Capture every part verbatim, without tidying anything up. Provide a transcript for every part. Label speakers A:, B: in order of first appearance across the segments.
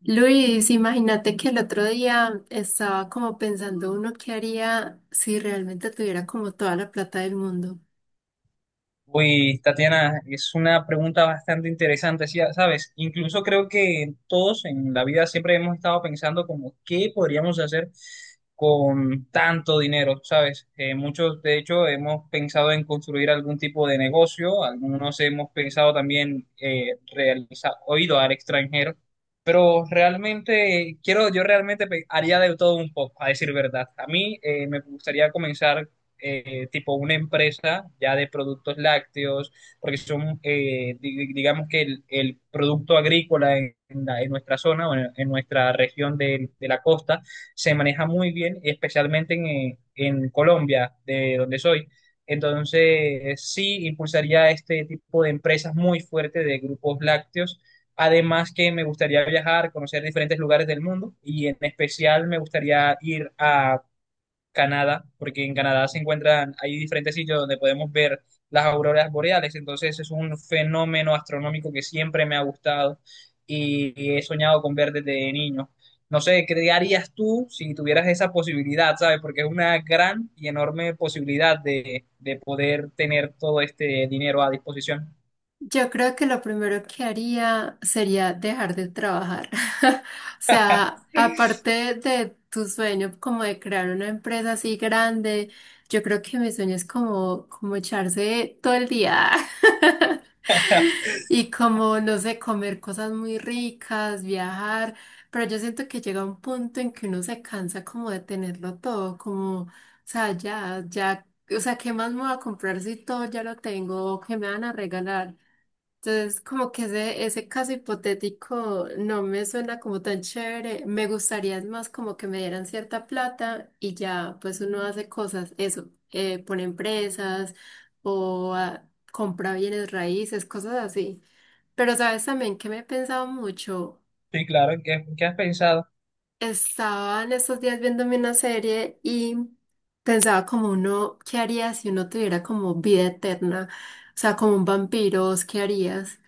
A: Luis, imagínate que el otro día estaba como pensando uno qué haría si realmente tuviera como toda la plata del mundo.
B: Uy, Tatiana, es una pregunta bastante interesante, sí, ¿sabes? Incluso creo que todos en la vida siempre hemos estado pensando como qué podríamos hacer con tanto dinero, ¿sabes? Eh, muchos, de hecho, hemos pensado en construir algún tipo de negocio, algunos hemos pensado también eh, realizar o ido al extranjero, pero realmente, quiero, yo realmente pe- haría de todo un poco, a decir verdad. A mí eh, me gustaría comenzar eh, tipo una empresa ya de productos lácteos, porque son, eh, di- digamos que el, el producto agrícola en, la- en nuestra zona o en, en nuestra región de, de la costa se maneja muy bien, especialmente en, eh, en Colombia, de donde soy. Entonces, sí impulsaría este tipo de empresas muy fuerte de grupos lácteos. Además que me gustaría viajar, conocer diferentes lugares del mundo y en especial me gustaría ir a Canadá, porque en Canadá se encuentran, hay diferentes sitios donde podemos ver las auroras boreales, entonces es un fenómeno astronómico que siempre me ha gustado y, y he soñado con ver desde niño. No sé, ¿qué harías tú si tuvieras esa posibilidad, sabes? Porque es una gran y enorme posibilidad de, de poder tener todo este dinero a disposición.
A: Yo creo que lo primero que haría sería dejar de trabajar. O sea, aparte de tu sueño como de crear una empresa así grande, yo creo que mi sueño es como, como echarse todo el día. Y como, no sé, comer cosas muy ricas, viajar. Pero yo siento que llega un punto en que uno se cansa como de tenerlo todo, como, o sea, ya, ya, o sea, ¿qué más me voy a comprar si todo ya lo tengo? ¿O qué me van a regalar? Entonces, como que ese, ese caso hipotético no me suena como tan chévere. Me gustaría es más como que me dieran cierta plata y ya, pues uno hace cosas, eso, eh, pone empresas o ah, compra bienes raíces, cosas así. Pero sabes también que me he pensado mucho.
B: Sí, claro, ¿en qué, en qué has pensado?
A: Estaba en estos días viéndome una serie y pensaba como uno, ¿qué haría si uno tuviera como vida eterna? O sea, como un vampiro, ¿vos ¿qué harías?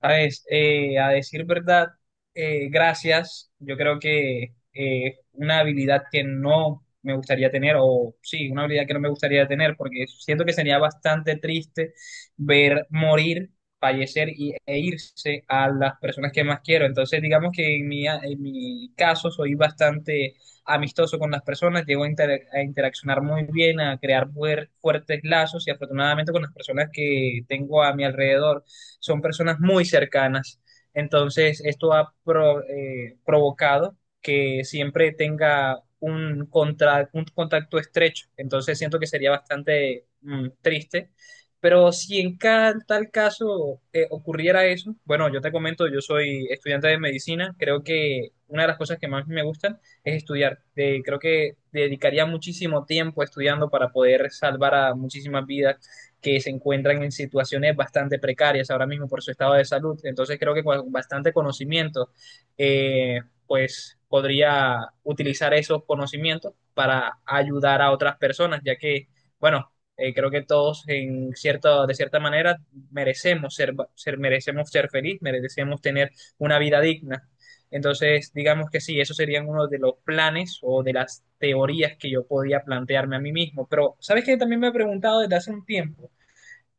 B: ¿Sabes? Eh, a decir verdad, eh, gracias. Yo creo que eh, una habilidad que no me gustaría tener, o sí, una habilidad que no me gustaría tener, porque siento que sería bastante triste ver morir, fallecer y, e irse a las personas que más quiero. Entonces, digamos que en mi, en mi caso soy bastante amistoso con las personas, llego a, inter- a interaccionar muy bien, a crear fuer- fuertes lazos y afortunadamente con las personas que tengo a mi alrededor son personas muy cercanas. Entonces, esto ha pro- eh, provocado que siempre tenga un, contra- un contacto estrecho. Entonces, siento que sería bastante mm, triste. Pero si en ca- tal caso eh, ocurriera eso, bueno, yo te comento, yo soy estudiante de medicina, creo que una de las cosas que más me gustan es estudiar. Eh, creo que dedicaría muchísimo tiempo estudiando para poder salvar a muchísimas vidas que se encuentran en situaciones bastante precarias ahora mismo por su estado de salud. Entonces creo que con bastante conocimiento, eh, pues podría utilizar esos conocimientos para ayudar a otras personas, ya que, bueno, eh, creo que todos en cierta, de cierta manera merecemos ser, ser, merecemos ser feliz, merecemos tener una vida digna. Entonces, digamos que sí, esos serían uno de los planes o de las teorías que yo podía plantearme a mí mismo. Pero, ¿sabes qué? También me he preguntado desde hace un tiempo,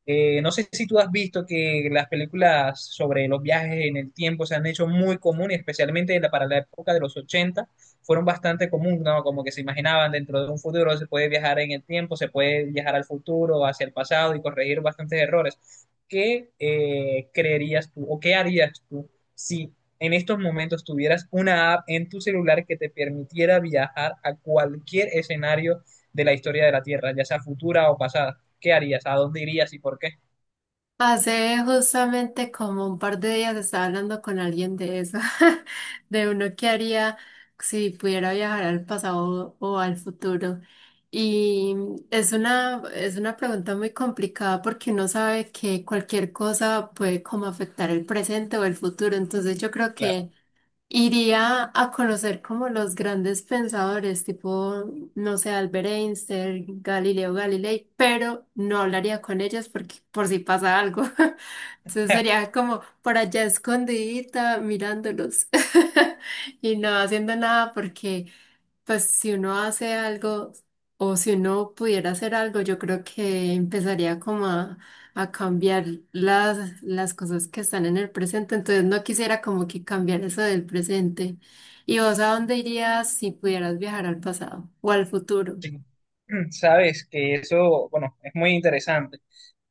B: eh, no sé si tú has visto que las películas sobre los viajes en el tiempo se han hecho muy comunes, especialmente en la- para la época de los ochenta, fueron bastante comunes, ¿no? Como que se imaginaban dentro de un futuro se puede viajar en el tiempo, se puede viajar al futuro, hacia el pasado y corregir bastantes errores. ¿Qué eh, creerías tú o qué harías tú si en estos momentos tuvieras una app en tu celular que te permitiera viajar a cualquier escenario de la historia de la Tierra, ya sea futura o pasada? ¿Qué harías? ¿A dónde irías y por qué?
A: Hace justamente como un par de días estaba hablando con alguien de eso, de uno que haría si pudiera viajar al pasado o al futuro. Y mm, es una, es una pregunta muy complicada porque uno sabe que cualquier cosa puede como afectar el presente o el futuro. Entonces yo creo
B: Claro.
A: que iría a conocer como los grandes pensadores, tipo, no sé, Albert Einstein, Galileo Galilei, pero no hablaría con ellos porque por si pasa algo. Entonces sería como por allá escondidita mirándolos y no haciendo nada porque pues si uno hace algo o si uno pudiera hacer algo, yo creo que empezaría como a a cambiar las, las cosas que están en el presente, entonces no quisiera como que cambiar eso del presente. ¿Y vos a dónde irías si pudieras viajar al pasado o al futuro?
B: Sí. Sabes que eso, bueno, es muy interesante,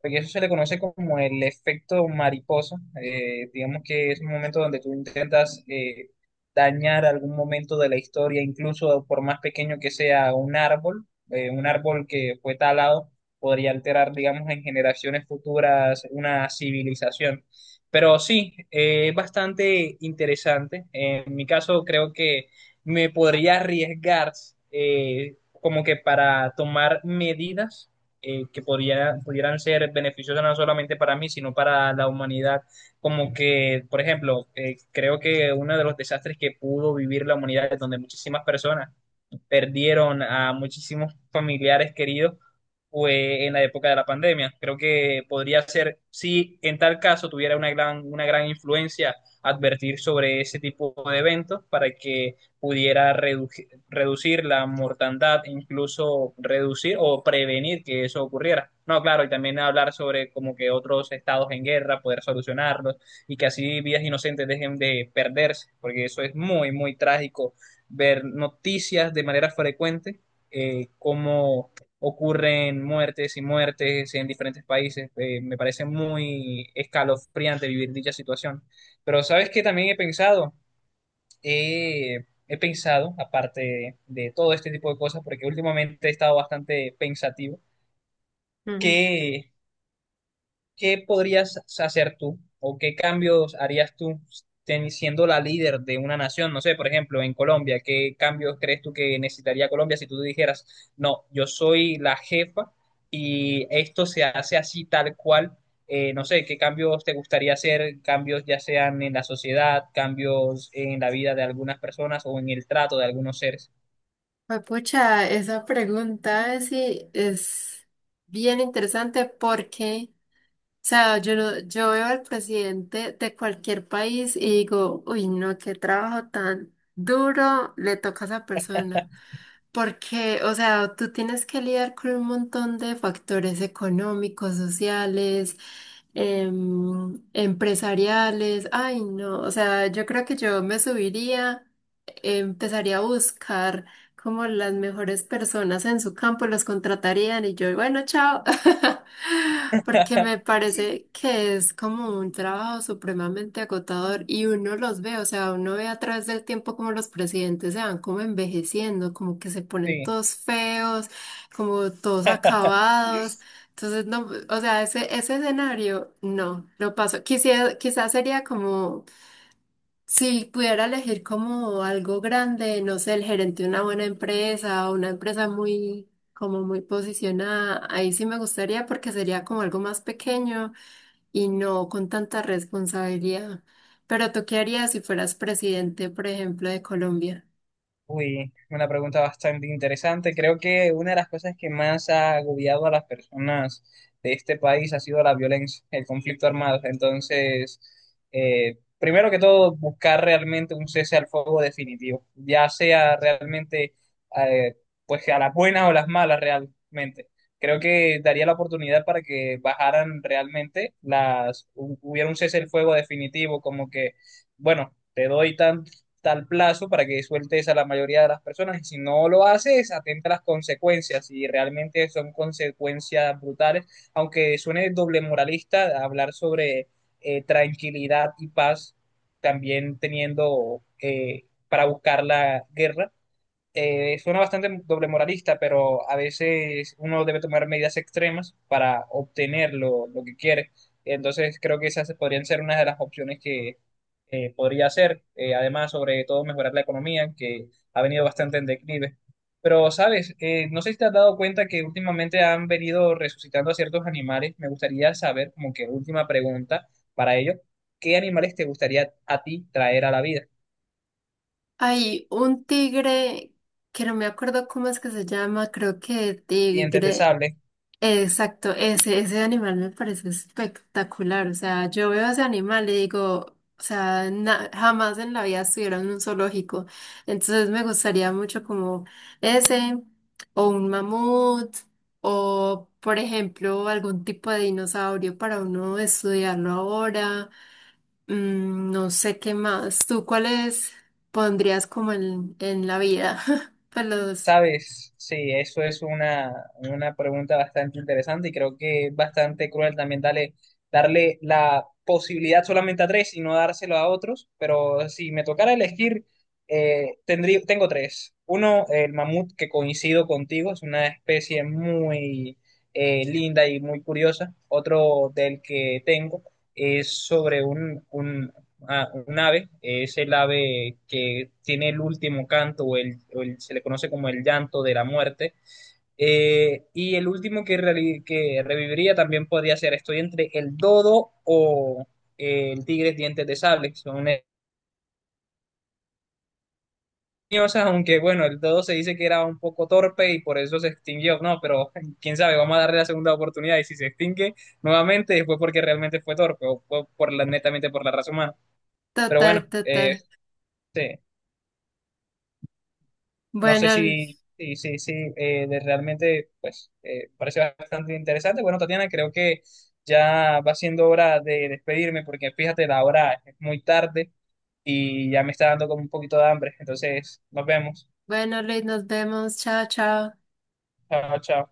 B: porque eso se le conoce como el efecto mariposa. Eh, digamos que es un momento donde tú intentas eh, dañar algún momento de la historia, incluso por más pequeño que sea un árbol, eh, un árbol que fue talado, podría alterar, digamos, en generaciones futuras una civilización. Pero sí, eh, es bastante interesante. En mi caso, creo que me podría arriesgar. eh, Como que para tomar medidas eh, que podría- pudieran ser beneficiosas no solamente para mí, sino para la humanidad. Como que, por ejemplo, eh, creo que uno de los desastres que pudo vivir la humanidad, donde muchísimas personas perdieron a muchísimos familiares queridos fue en la época de la pandemia. Creo que podría ser, si en tal caso tuviera una gran, una gran influencia, advertir sobre ese tipo de eventos para que pudiera redu- reducir la mortandad, incluso reducir o prevenir que eso ocurriera. No, claro, y también hablar sobre como que otros estados en guerra, poder solucionarlos y que así vidas inocentes dejen de perderse, porque eso es muy, muy trágico ver noticias de manera frecuente, eh, cómo ocurren muertes y muertes en diferentes países. Eh, me parece muy escalofriante vivir dicha situación. Pero ¿sabes qué? También he pensado. Eh, he pensado, aparte de, de todo este tipo de cosas, porque últimamente he estado bastante pensativo,
A: Ujú.
B: que ¿qué podrías hacer tú o qué cambios harías tú ten- siendo la líder de una nación? No sé, por ejemplo, en Colombia, ¿qué cambios crees tú que necesitaría Colombia si tú dijeras, no, yo soy la jefa y esto se hace así tal cual? Eh, no sé, ¿qué cambios te gustaría hacer? Cambios ya sean en la sociedad, cambios en la vida de algunas personas o en el trato de algunos seres.
A: Pues, Pucha, esa pregunta es, sí es bien interesante porque, o sea, yo, no- yo veo al presidente de cualquier país y digo, uy, no, qué trabajo tan duro le toca a esa persona. Porque, o sea, tú tienes que lidiar con un montón de factores económicos, sociales, em, empresariales. Ay, no, o sea, yo creo que yo me subiría, empezaría a buscar como las mejores personas en su campo, los contratarían y yo, bueno, chao. Porque me parece que es como un trabajo supremamente agotador y uno los ve, o sea, uno ve a través del tiempo como los presidentes se van como envejeciendo, como que se ponen
B: Sí.
A: todos feos, como todos acabados. Entonces, no, o sea, ese, ese escenario, no, lo paso. Quisiera, quizás sería como si pudiera elegir como algo grande, no sé, el gerente de una buena empresa o una empresa muy, como muy posicionada, ahí sí me gustaría porque sería como algo más pequeño y no con tanta responsabilidad. Pero ¿tú qué harías si fueras presidente, por ejemplo, de Colombia?
B: Uy, una pregunta bastante interesante. Creo que una de las cosas que más ha agobiado a las personas de este país ha sido la violencia, el conflicto armado. Entonces, eh, primero que todo, buscar realmente un cese al fuego definitivo, ya sea realmente, eh, pues a las buenas o las malas realmente. Creo que daría la oportunidad para que bajaran realmente las, hu- hubiera un cese al fuego definitivo, como que, bueno, te doy tanto tal plazo para que sueltes a la mayoría de las personas. Y si no lo haces, atenta a las consecuencias. Y realmente son consecuencias brutales. Aunque suene doble moralista hablar sobre eh, tranquilidad y paz, también teniendo eh, para buscar la guerra, eh, suena bastante doble moralista, pero a veces uno debe tomar medidas extremas para obtener lo, lo que quiere. Entonces creo que esas podrían ser una de las opciones que eh, podría hacer. Eh, además, sobre todo mejorar la economía, que ha venido bastante en declive. Pero, ¿sabes? Eh, no sé si te has dado cuenta que últimamente han venido resucitando a ciertos animales. Me gustaría saber, como que última pregunta para ello, ¿qué animales te gustaría a ti traer a la vida?
A: Hay un tigre que no me acuerdo cómo es que se llama, creo que
B: Dientes de
A: tigre.
B: sable.
A: Exacto, ese, ese animal me parece espectacular. O sea, yo veo ese animal y digo, o sea, na- jamás en la vida estuviera en un zoológico. Entonces me gustaría mucho como ese, o un mamut, o por ejemplo, algún tipo de dinosaurio para uno estudiarlo ahora. Mm, no sé qué más. ¿Tú cuáles pondrías como en, en la vida? Pues los,
B: Sabes, sí, eso es una, una pregunta bastante interesante y creo que es bastante cruel también darle, darle la posibilidad solamente a tres y no dárselo a otros, pero si me tocara elegir, eh, tendría, tengo tres. Uno, el mamut, que coincido contigo, es una especie muy eh, linda y muy curiosa. Otro del que tengo es sobre un, un. Ah, un ave, es el ave que tiene el último canto o, el, o el- se le conoce como el llanto de la muerte. Eh, y el último que, reali- que reviviría también podría ser, estoy entre el dodo o eh, el tigre dientes de sable. Son leñosas, aunque bueno, el dodo se dice que era un poco torpe y por eso se extinguió, ¿no? Pero quién sabe, vamos a darle la segunda oportunidad y si se extingue nuevamente fue porque realmente fue torpe o fue por la, netamente por la raza humana. Pero
A: total,
B: bueno, eh,
A: total.
B: sí. No sé
A: Bueno.
B: si, si, si, si, eh, de realmente, pues, eh, parece bastante interesante. Bueno, Tatiana, creo que ya va siendo hora de despedirme porque fíjate, la hora es muy tarde y ya me está dando como un poquito de hambre. Entonces, nos vemos.
A: Bueno, Luis, nos vemos. Chao, chao.
B: Chao, chao.